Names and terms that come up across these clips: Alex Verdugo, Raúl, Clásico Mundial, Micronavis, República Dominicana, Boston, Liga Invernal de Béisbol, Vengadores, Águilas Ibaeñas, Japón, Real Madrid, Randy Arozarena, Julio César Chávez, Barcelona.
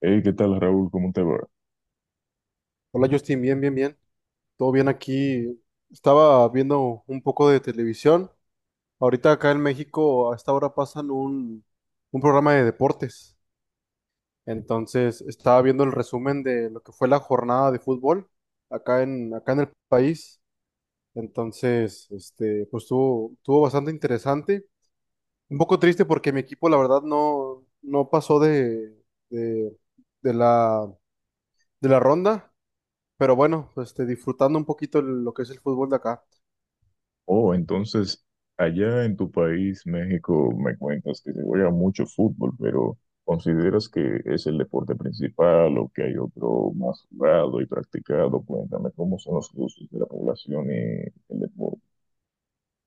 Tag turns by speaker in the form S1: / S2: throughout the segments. S1: Hey, ¿qué tal, Raúl? ¿Cómo te va?
S2: Hola Justin, bien, bien, bien. Todo bien aquí. Estaba viendo un poco de televisión. Ahorita acá en México a esta hora pasan un programa de deportes. Entonces estaba viendo el resumen de lo que fue la jornada de fútbol acá en el país. Entonces, este, pues estuvo bastante interesante. Un poco triste porque mi equipo, la verdad, no pasó de, de la, de la ronda. Pero bueno, pues, este, disfrutando un poquito lo que es el fútbol de acá.
S1: Oh, entonces, allá en tu país, México, me cuentas que se juega mucho fútbol, pero ¿consideras que es el deporte principal o que hay otro más jugado y practicado? Cuéntame, ¿cómo son los gustos de la población y el deporte?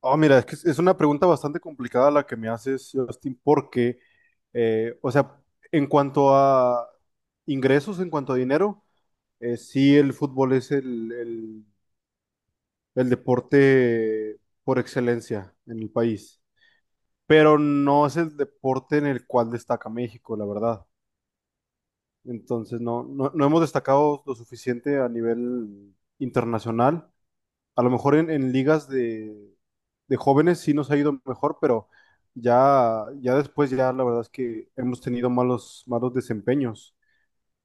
S2: Ah, mira, es que es una pregunta bastante complicada la que me haces, Justin, porque, o sea, en cuanto a ingresos, en cuanto a dinero, sí el fútbol es el deporte por excelencia en el país, pero no es el deporte en el cual destaca México, la verdad. Entonces, no hemos destacado lo suficiente a nivel internacional. A lo mejor en ligas de jóvenes sí nos ha ido mejor, pero ya después, ya la verdad es que hemos tenido malos, malos desempeños.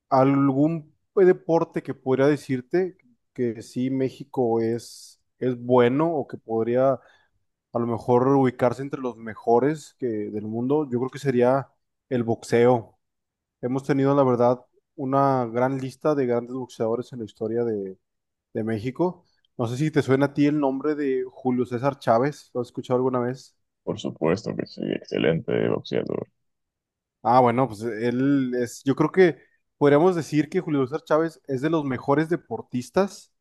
S2: ¿Algún deporte que podría decirte que sí México es bueno o que podría a lo mejor ubicarse entre los mejores del mundo? Yo creo que sería el boxeo. Hemos tenido, la verdad, una gran lista de grandes boxeadores en la historia de México. No sé si te suena a ti el nombre de Julio César Chávez, ¿lo has escuchado alguna vez?
S1: Por supuesto que sí, excelente boxeador.
S2: Ah, bueno, pues yo creo que podríamos decir que Julio César Chávez es de los mejores deportistas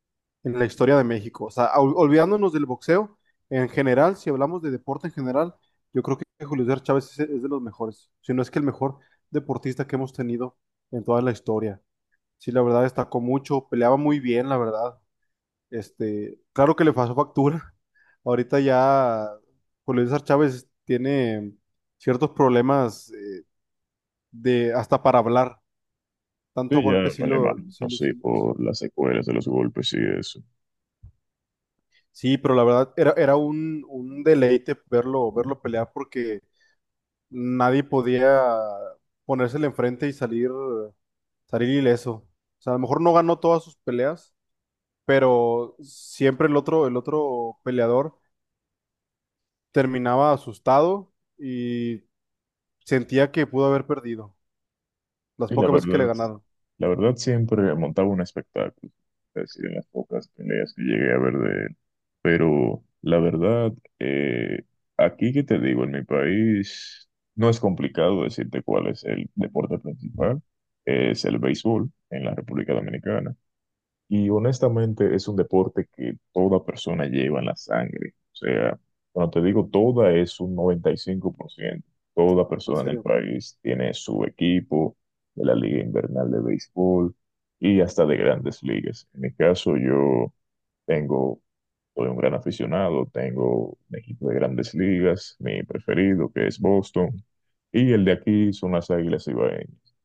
S2: en la historia de México. O sea, olvidándonos del boxeo, en general, si hablamos de deporte en general, yo creo que Julio César Chávez es de los mejores, si no es que el mejor deportista que hemos tenido en toda la historia. Sí, la verdad destacó mucho, peleaba muy bien, la verdad. Este, claro que le pasó factura. Ahorita ya Julio César Chávez tiene ciertos problemas de hasta para hablar.
S1: Sí,
S2: Tanto
S1: ya
S2: golpe sí
S1: me lo
S2: lo, sí,
S1: imagino, sí,
S2: sí.
S1: por las secuelas de los golpes y eso.
S2: Sí, pero la verdad era un deleite verlo pelear porque nadie podía ponérsele enfrente y salir ileso. O sea, a lo mejor no ganó todas sus peleas, pero siempre el otro peleador terminaba asustado y sentía que pudo haber perdido. Las
S1: Y
S2: pocas veces que le ganaron.
S1: la verdad siempre montaba un espectáculo. Es decir, en las pocas peleas que llegué a ver de él. Pero la verdad, eh, aquí que te digo, en mi país no es complicado decirte cuál es el deporte principal. Es el béisbol en la República Dominicana. Y honestamente es un deporte que toda persona lleva en la sangre. O sea, cuando te digo toda es un 95%. Toda
S2: En
S1: persona en el
S2: serio.
S1: país tiene su equipo de la Liga Invernal de Béisbol y hasta de grandes ligas. En mi caso, yo tengo, soy un gran aficionado, tengo un equipo de grandes ligas, mi preferido, que es Boston, y el de aquí son las Águilas Ibaeñas,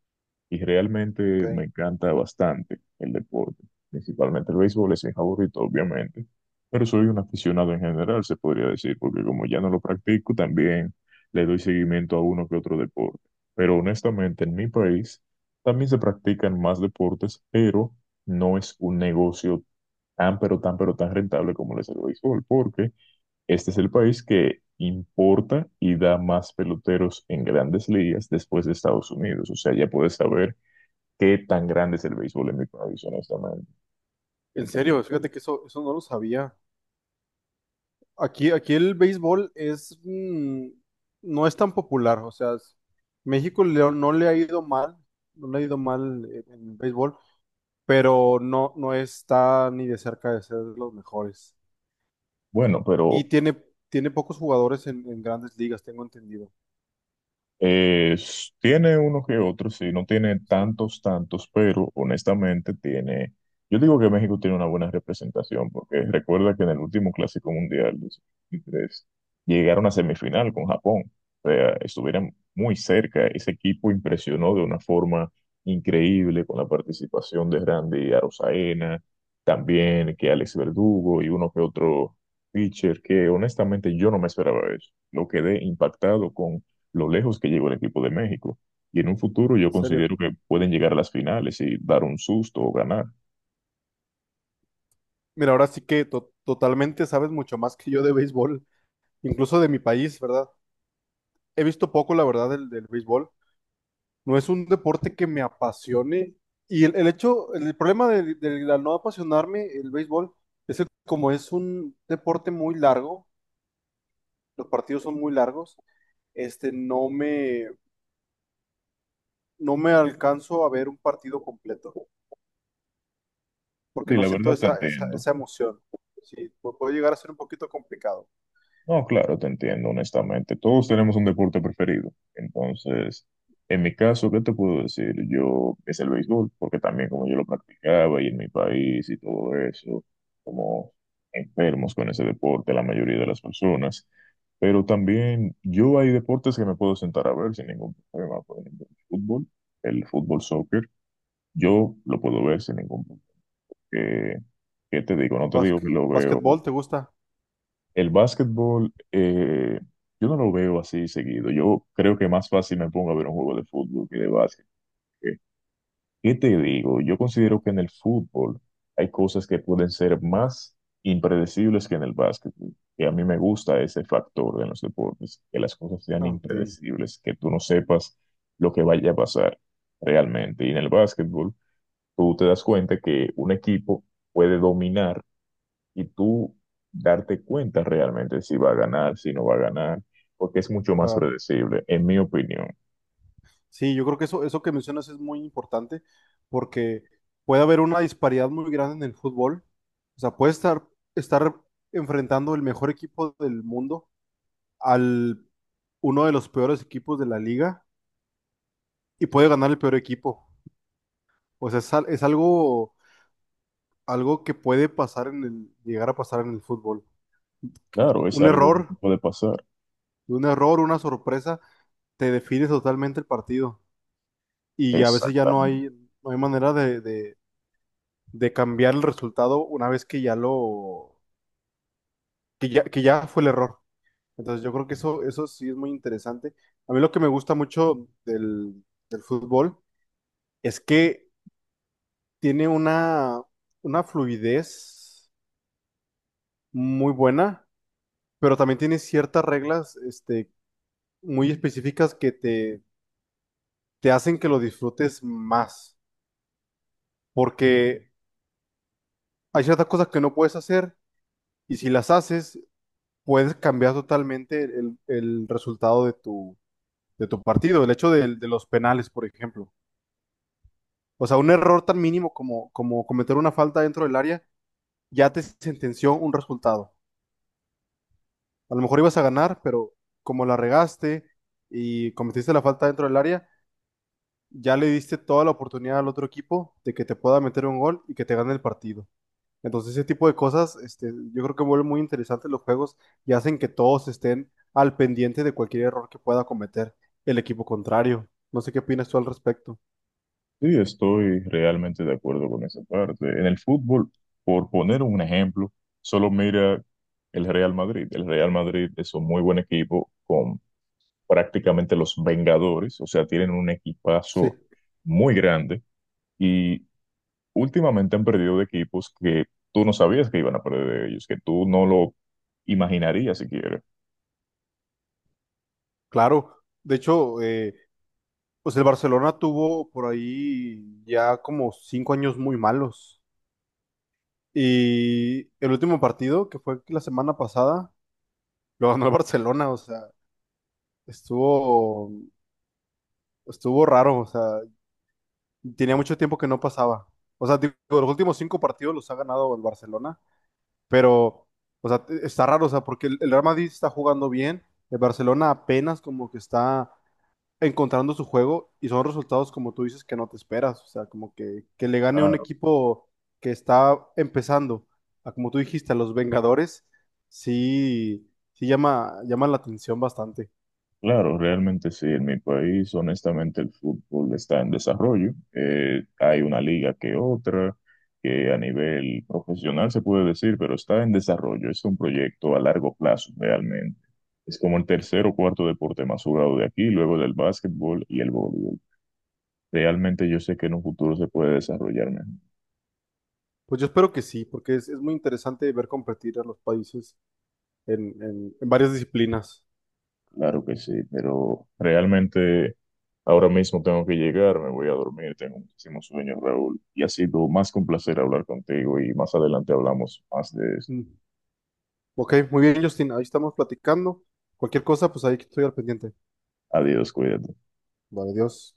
S1: y realmente me
S2: Ok.
S1: encanta bastante el deporte, principalmente el béisbol es mi favorito, obviamente, pero soy un aficionado en general, se podría decir, porque como ya no lo practico, también le doy seguimiento a uno que otro deporte. Pero honestamente, en mi país también se practican más deportes, pero no es un negocio tan, pero tan, pero tan rentable como lo es el béisbol, porque este es el país que importa y da más peloteros en grandes ligas después de Estados Unidos. O sea, ya puedes saber qué tan grande es el béisbol en Micronavis, honestamente.
S2: En serio, fíjate que eso no lo sabía. Aquí el béisbol es, no es tan popular, o sea, México no le ha ido mal, no le ha ido mal en el béisbol, pero no está ni de cerca de ser de los mejores.
S1: Bueno,
S2: Y
S1: pero
S2: tiene pocos jugadores en grandes ligas, tengo entendido.
S1: Tiene uno que otro, sí, no tiene
S2: Sí,
S1: tantos, tantos, pero honestamente tiene, yo digo que México tiene una buena representación, porque recuerda que en el último Clásico Mundial de 2023 llegaron a semifinal con Japón. O sea, estuvieron muy cerca, ese equipo impresionó de una forma increíble con la participación de Randy Arozarena, también que Alex Verdugo y uno que otro pitcher, que honestamente yo no me esperaba eso, lo quedé impactado con lo lejos que llegó el equipo de México. Y en un futuro yo
S2: en
S1: considero
S2: serio.
S1: que pueden llegar a las finales y dar un susto o ganar.
S2: Mira, ahora sí que totalmente sabes mucho más que yo de béisbol, incluso de mi país, ¿verdad? He visto poco, la verdad, del béisbol. No es un deporte que me apasione. Y el hecho, el problema de la no apasionarme el béisbol es que como es un deporte muy largo, los partidos son muy largos, este, no me alcanzo a ver un partido completo, porque
S1: Sí,
S2: no
S1: la
S2: siento
S1: verdad te
S2: esa, esa,
S1: entiendo.
S2: esa emoción. Sí, puede llegar a ser un poquito complicado.
S1: No, claro, te entiendo, honestamente. Todos tenemos un deporte preferido. Entonces, en mi caso, ¿qué te puedo decir? Yo es el béisbol, porque también como yo lo practicaba y en mi país y todo eso, como enfermos con ese deporte, la mayoría de las personas. Pero también yo hay deportes que me puedo sentar a ver sin ningún problema. Por ejemplo, el fútbol soccer. Yo lo puedo ver sin ningún problema. ¿Qué, qué te digo? No te digo que lo veo.
S2: ¿Básquetbol te gusta?
S1: El básquetbol, yo no lo veo así seguido. Yo creo que más fácil me pongo a ver un juego de fútbol que de básquet. ¿Qué, qué te digo? Yo considero que en el fútbol hay cosas que pueden ser más impredecibles que en el básquetbol. Y a mí me gusta ese factor de los deportes, que las cosas
S2: Ah,
S1: sean
S2: Ok,
S1: impredecibles, que tú no sepas lo que vaya a pasar realmente. Y en el básquetbol, tú te das cuenta que un equipo puede dominar y tú darte cuenta realmente si va a ganar, si no va a ganar, porque es mucho más
S2: claro.
S1: predecible, en mi opinión.
S2: Sí, yo creo que eso que mencionas es muy importante porque puede haber una disparidad muy grande en el fútbol. O sea, puede estar enfrentando el mejor equipo del mundo al uno de los peores equipos de la liga y puede ganar el peor equipo. O sea, es algo que puede pasar llegar a pasar en el fútbol.
S1: Claro, es
S2: Un
S1: algo
S2: error,
S1: que puede pasar.
S2: un error, una sorpresa, te define totalmente el partido. Y a veces ya no
S1: Exactamente.
S2: hay, no hay manera de cambiar el resultado una vez que ya fue el error. Entonces yo creo que eso sí es muy interesante. A mí lo que me gusta mucho del fútbol es que tiene una fluidez muy buena, pero también tiene ciertas reglas, este, muy específicas que te hacen que lo disfrutes más, porque hay ciertas cosas que no puedes hacer y si las haces, puedes cambiar totalmente el resultado de tu partido, el hecho de los penales, por ejemplo. O sea, un error tan mínimo como cometer una falta dentro del área ya te sentenció un resultado. A lo mejor ibas a ganar, pero como la regaste y cometiste la falta dentro del área, ya le diste toda la oportunidad al otro equipo de que te pueda meter un gol y que te gane el partido. Entonces, ese tipo de cosas, este, yo creo que vuelven muy interesantes los juegos y hacen que todos estén al pendiente de cualquier error que pueda cometer el equipo contrario. No sé qué opinas tú al respecto.
S1: Sí, estoy realmente de acuerdo con esa parte. En el fútbol, por poner un ejemplo, solo mira el Real Madrid. El Real Madrid es un muy buen equipo con prácticamente los Vengadores, o sea, tienen un
S2: Sí.
S1: equipazo muy grande, y últimamente han perdido de equipos que tú no sabías que iban a perder de ellos, que tú no lo imaginarías siquiera.
S2: Claro, de hecho, pues el Barcelona tuvo por ahí ya como 5 años muy malos. Y el último partido, que fue la semana pasada, lo ganó el Barcelona, o sea, estuvo, estuvo raro, o sea, tenía mucho tiempo que no pasaba. O sea, digo, los últimos cinco partidos los ha ganado el Barcelona, pero, o sea, está raro, o sea, porque el Real Madrid está jugando bien, el Barcelona apenas como que está encontrando su juego y son resultados, como tú dices, que no te esperas. O sea, como que le gane un
S1: Claro,
S2: equipo que está empezando, como tú dijiste, a los Vengadores, sí, sí llama la atención bastante.
S1: claro, realmente sí. En mi país, honestamente, el fútbol está en desarrollo. Hay una liga que otra, que a nivel profesional se puede decir, pero está en desarrollo. Es un proyecto a largo plazo, realmente. Es como el tercer o cuarto deporte más jugado de aquí, luego del básquetbol y el voleibol. Realmente yo sé que en un futuro se puede desarrollar mejor.
S2: Pues yo espero que sí, porque es muy interesante ver competir a los países en varias disciplinas.
S1: Claro que sí, pero realmente ahora mismo tengo que llegar, me voy a dormir, tengo muchísimo sueño, Raúl, y ha sido más que un placer hablar contigo y más adelante hablamos más de esto.
S2: Mm. Ok, muy bien, Justin, ahí estamos platicando. Cualquier cosa, pues ahí estoy al pendiente.
S1: Adiós, cuídate.
S2: Vale, adiós.